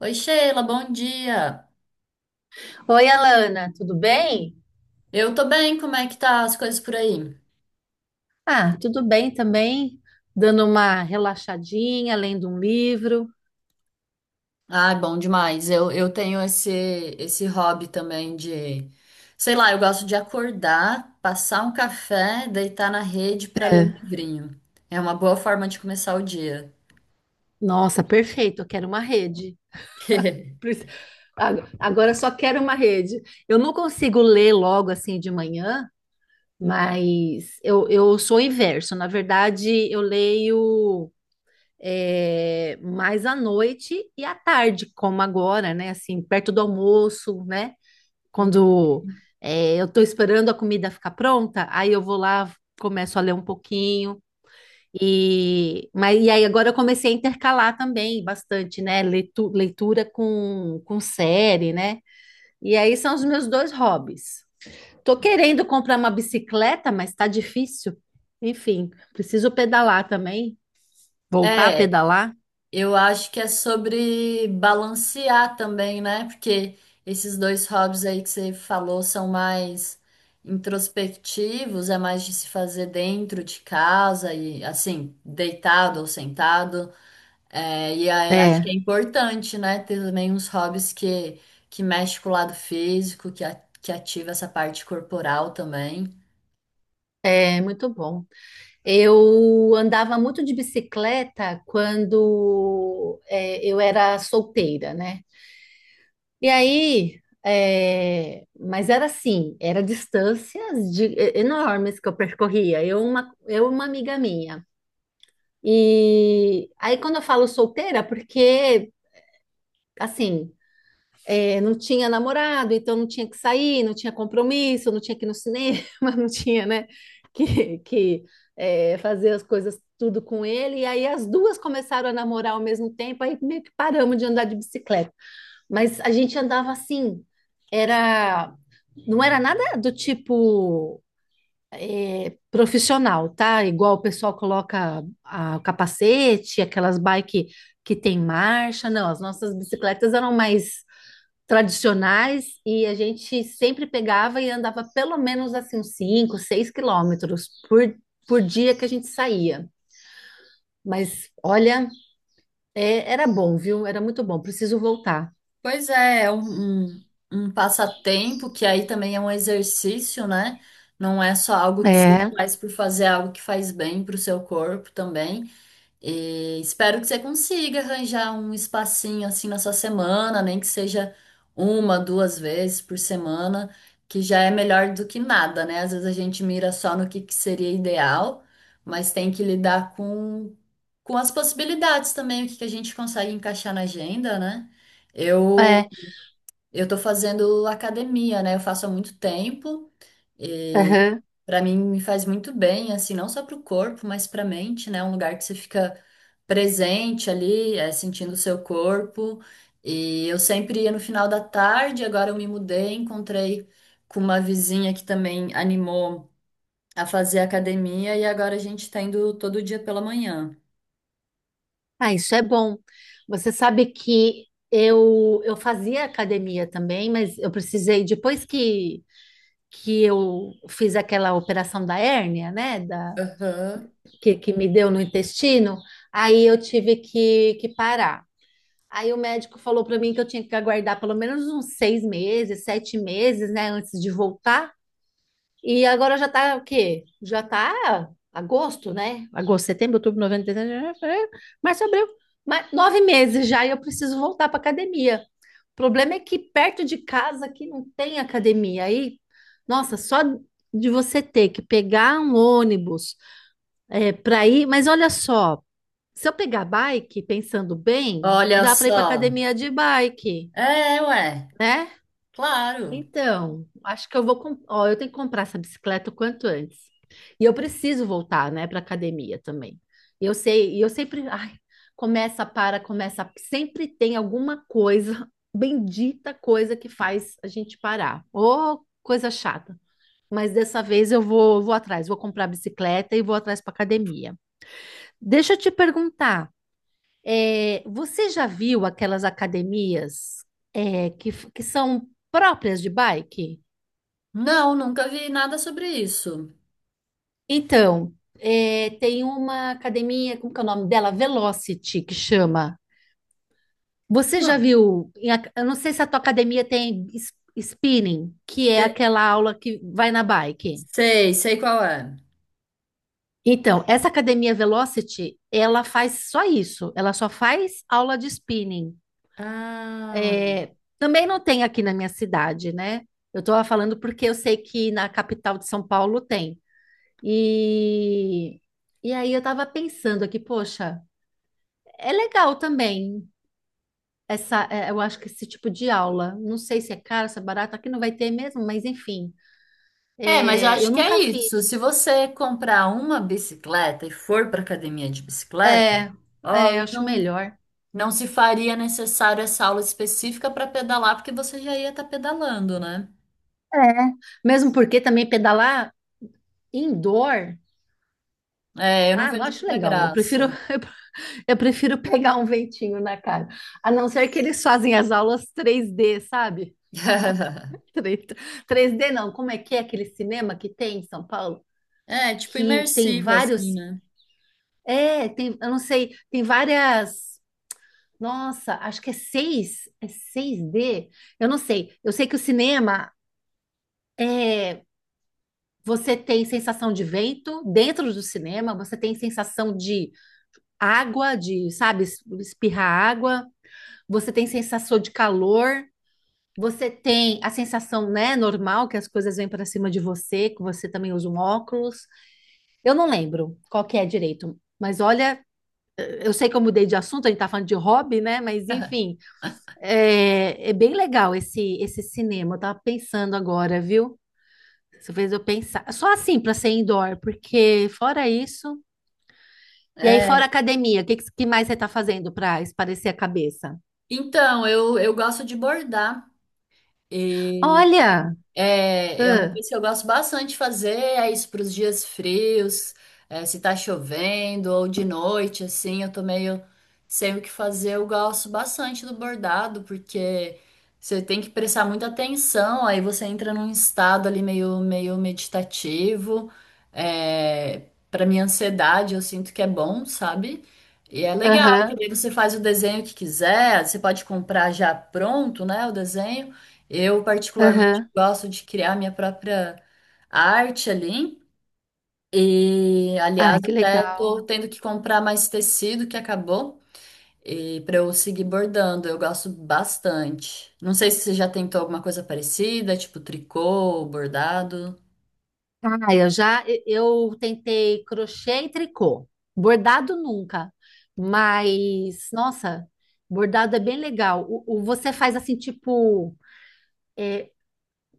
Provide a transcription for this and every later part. Oi, Sheila, bom dia. Oi, Alana, tudo bem? Eu tô bem, como é que tá as coisas por aí? Ah, tudo bem também, dando uma relaxadinha, lendo um livro. Ai, bom demais. Eu tenho esse hobby também de, sei lá, eu gosto de acordar, passar um café, deitar na rede pra ler um É. livrinho. É uma boa forma de começar o dia. Nossa, perfeito, eu quero uma rede. Prec- Agora eu só quero uma rede. Eu não consigo ler logo assim de manhã, mas eu sou o inverso. Na verdade, eu leio mais à noite e à tarde, como agora, né? Assim, perto do almoço, né? Quando eu estou esperando a comida ficar pronta, aí eu vou lá, começo a ler um pouquinho. E aí agora eu comecei a intercalar também bastante, né? Leitura com série, né? E aí são os meus dois hobbies. Tô querendo comprar uma bicicleta, mas tá difícil. Enfim, preciso pedalar também, voltar a É, pedalar. eu acho que é sobre balancear também, né? Porque esses dois hobbies aí que você falou são mais introspectivos, é mais de se fazer dentro de casa e assim, deitado ou sentado. É, e aí acho que é É, importante, né? Ter também uns hobbies que mexe com o lado físico, que ativa essa parte corporal também. é muito bom. Eu andava muito de bicicleta quando eu era solteira, né? Mas era assim, era distâncias enormes que eu percorria. Eu e uma amiga minha. E aí quando eu falo solteira, porque assim, é, não tinha namorado, então não tinha que sair, não tinha compromisso, não tinha que ir no cinema, não tinha, né, que, que fazer as coisas tudo com ele. E aí as duas começaram a namorar ao mesmo tempo, aí meio que paramos de andar de bicicleta. Mas a gente andava assim, era, não era nada do tipo profissional, tá? Igual o pessoal coloca o capacete, aquelas bike que tem marcha, não, as nossas bicicletas eram mais tradicionais e a gente sempre pegava e andava pelo menos assim uns 5, 6 quilômetros por dia que a gente saía. Mas olha, era bom, viu? Era muito bom. Preciso voltar. Pois é, é um passatempo que aí também é um exercício, né? Não é só algo que você É, faz por fazer, é algo que faz bem para o seu corpo também. E espero que você consiga arranjar um espacinho assim na sua semana, nem que seja uma, duas vezes por semana, que já é melhor do que nada, né? Às vezes a gente mira só no que seria ideal, mas tem que lidar com as possibilidades também, que a gente consegue encaixar na agenda, né? Eu é. eu tô fazendo academia, né? Eu faço há muito tempo e Aham. para mim me faz muito bem, assim, não só para o corpo, mas para a mente, né? É um lugar que você fica presente ali, sentindo o seu corpo. E eu sempre ia no final da tarde, agora eu me mudei, encontrei com uma vizinha que também animou a fazer academia e agora a gente tá indo todo dia pela manhã. Ah, isso é bom. Você sabe que eu fazia academia também, mas eu precisei depois que eu fiz aquela operação da hérnia, né, da Aham. que me deu no intestino, aí eu tive que parar. Aí o médico falou para mim que eu tinha que aguardar pelo menos uns seis meses, sete meses, né, antes de voltar. E agora já tá o quê? Já tá agosto, né? Agosto, setembro, outubro, novembro, dezembro, janeiro, março, abril. Mas nove meses já e eu preciso voltar para academia. O problema é que perto de casa aqui não tem academia. Aí, nossa, só de você ter que pegar um ônibus para ir. Mas olha só, se eu pegar bike, pensando bem, Olha dá para ir para só. academia de bike. É, ué, Né? claro. Então, acho que eu vou. Ó, eu tenho que comprar essa bicicleta o quanto antes. E eu preciso voltar, né, para academia também. E eu sei, e eu sempre. Ai, começa, para, começa. Sempre tem alguma coisa, bendita coisa que faz a gente parar. Ô, coisa chata. Mas dessa vez eu vou, vou atrás, vou comprar a bicicleta e vou atrás para academia. Deixa eu te perguntar. É, você já viu aquelas academias que são próprias de bike? Não, nunca vi nada sobre isso. Então, é, tem uma academia, como que é o nome dela? Velocity, que chama. Você Não, já viu? Eu não sei se a tua academia tem spinning, que é te- aquela aula que vai na bike. sei, sei qual é. Então, essa academia Velocity, ela faz só isso. Ela só faz aula de spinning. Ah, É, também não tem aqui na minha cidade, né? Eu estou falando porque eu sei que na capital de São Paulo tem. E, e aí eu estava pensando aqui, poxa, é legal também eu acho que esse tipo de aula. Não sei se é caro, se é barato, aqui não vai ter mesmo, mas enfim. é, mas eu É, eu acho que é nunca fiz. isso. Se você comprar uma bicicleta e for para academia de bicicleta, É, é, eu aí acho não, melhor. não se faria necessário essa aula específica para pedalar, porque você já ia estar pedalando, né? É. Mesmo porque também pedalar indoor, É, eu não ah, não vejo acho muita legal. Eu graça. prefiro, eu prefiro pegar um ventinho na cara. A não ser que eles fazem as aulas 3D, sabe? 3D 3D não, como é que é aquele cinema que tem em São Paulo? É, tipo Que tem imersiva, assim, vários. né? É, tem, eu não sei, tem várias. Nossa, acho que é 6. É 6D. Eu não sei. Eu sei que o cinema é. Você tem sensação de vento dentro do cinema, você tem sensação de água, de, sabe, espirrar água, você tem sensação de calor. Você tem a sensação, né, normal que as coisas vêm para cima de você, que você também usa um óculos. Eu não lembro qual que é direito, mas olha, eu sei que eu mudei de assunto, a gente tá falando de hobby, né? Mas enfim, é, é bem legal esse cinema. Eu tava pensando agora, viu? Você fez eu pensar. Só assim para ser indoor, porque fora isso. E aí, fora É. academia, o que, que mais você tá fazendo para esparecer a cabeça? Então, eu gosto de bordar. Olha! É, é uma Ah, coisa que eu gosto bastante de fazer, é isso para os dias frios, é, se tá chovendo ou de noite, assim, eu tô meio sem o que fazer, eu gosto bastante do bordado, porque você tem que prestar muita atenção, aí você entra num estado ali meio meditativo, é, para minha ansiedade eu sinto que é bom, sabe? E é legal, porque aham, daí você faz o desenho que quiser, você pode comprar já pronto, né, o desenho, eu, particularmente, aham. gosto de criar minha própria arte ali. E, Ah, aliás, que até legal. tô tendo que comprar mais tecido que acabou e para eu seguir bordando. Eu gosto bastante. Não sei se você já tentou alguma coisa parecida, tipo tricô, bordado. Ah, eu já eu tentei crochê e tricô. Bordado nunca, mas nossa, bordado é bem legal. Você faz assim tipo,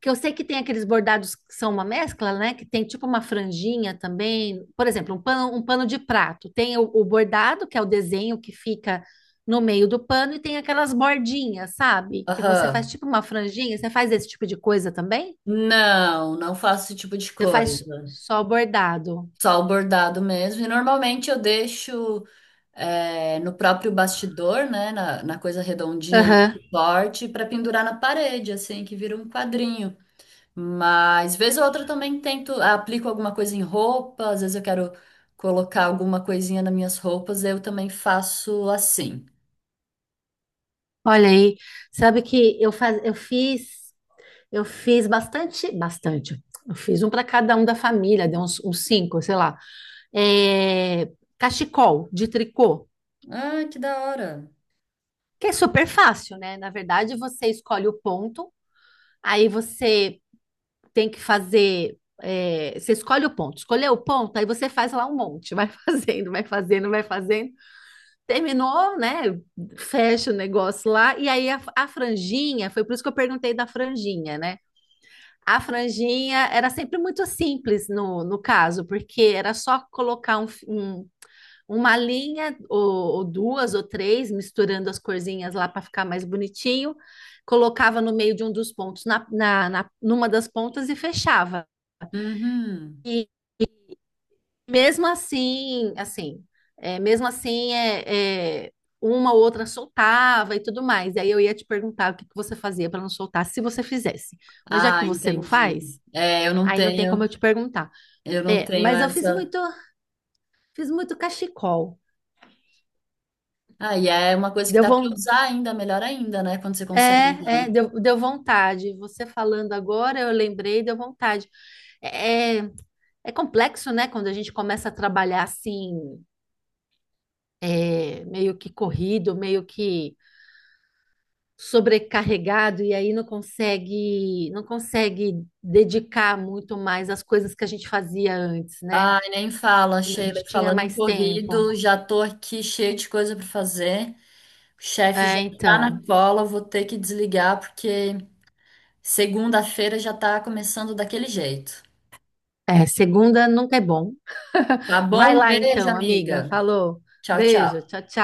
que eu sei que tem aqueles bordados que são uma mescla, né? Que tem tipo uma franjinha também. Por exemplo, um pano de prato. Tem o bordado, que é o desenho que fica no meio do pano, e tem aquelas bordinhas, sabe? Que você faz Aham. tipo uma franjinha. Você faz esse tipo de coisa também? Não, não faço esse tipo de Você faz coisa. só bordado? Só o bordado mesmo. E normalmente eu deixo no próprio bastidor, né? Na coisa redondinha ali Aham. que corte, para pendurar na parede, assim, que vira um quadrinho. Mas, vez ou outra, eu também tento, aplico alguma coisa em roupa, às vezes eu quero colocar alguma coisinha nas minhas roupas, eu também faço assim. Olha aí, sabe que eu fiz bastante, bastante. Eu fiz um para cada um da família, deu uns, uns cinco, sei lá. É, cachecol de tricô, Ah, que da hora. que é super fácil, né? Na verdade, você escolhe o ponto, aí você tem que fazer. É, você escolhe o ponto, Escolheu o ponto, aí você faz lá um monte, vai fazendo, vai fazendo, vai fazendo. Terminou, né? Fecha o negócio lá, e aí a franjinha, foi por isso que eu perguntei da franjinha, né? A franjinha era sempre muito simples no caso, porque era só colocar uma linha ou duas ou três, misturando as corzinhas lá para ficar mais bonitinho, colocava no meio de um dos pontos, numa das pontas e fechava. Uhum. E mesmo mesmo assim, uma ou outra soltava e tudo mais. E aí eu ia te perguntar o que que você fazia para não soltar, se você fizesse. Mas já que Ah, você não entendi. faz, É, aí não tem como eu te perguntar. eu não É, tenho mas eu essa. Fiz muito cachecol. Ah, e é uma coisa que Deu dá para von... usar ainda, melhor ainda, né? Quando você É, consegue é, usar. deu, deu vontade. Você falando agora, eu lembrei, deu vontade. É, é É complexo, né? Quando a gente começa a trabalhar assim, é, meio que corrido, meio que sobrecarregado, e aí não consegue, não consegue dedicar muito mais às coisas que a gente fazia antes, né? Ai, nem fala, Quando a Sheila. gente tinha Falando em mais tempo. corrido, já tô aqui cheia de coisa para fazer. O chefe já É, tá na então, cola, vou ter que desligar porque segunda-feira já tá começando daquele jeito. é, segunda nunca é bom. Tá Vai bom? Um lá beijo, então, amiga. amiga. Falou. Tchau, Beijo. tchau. Tchau, tchau.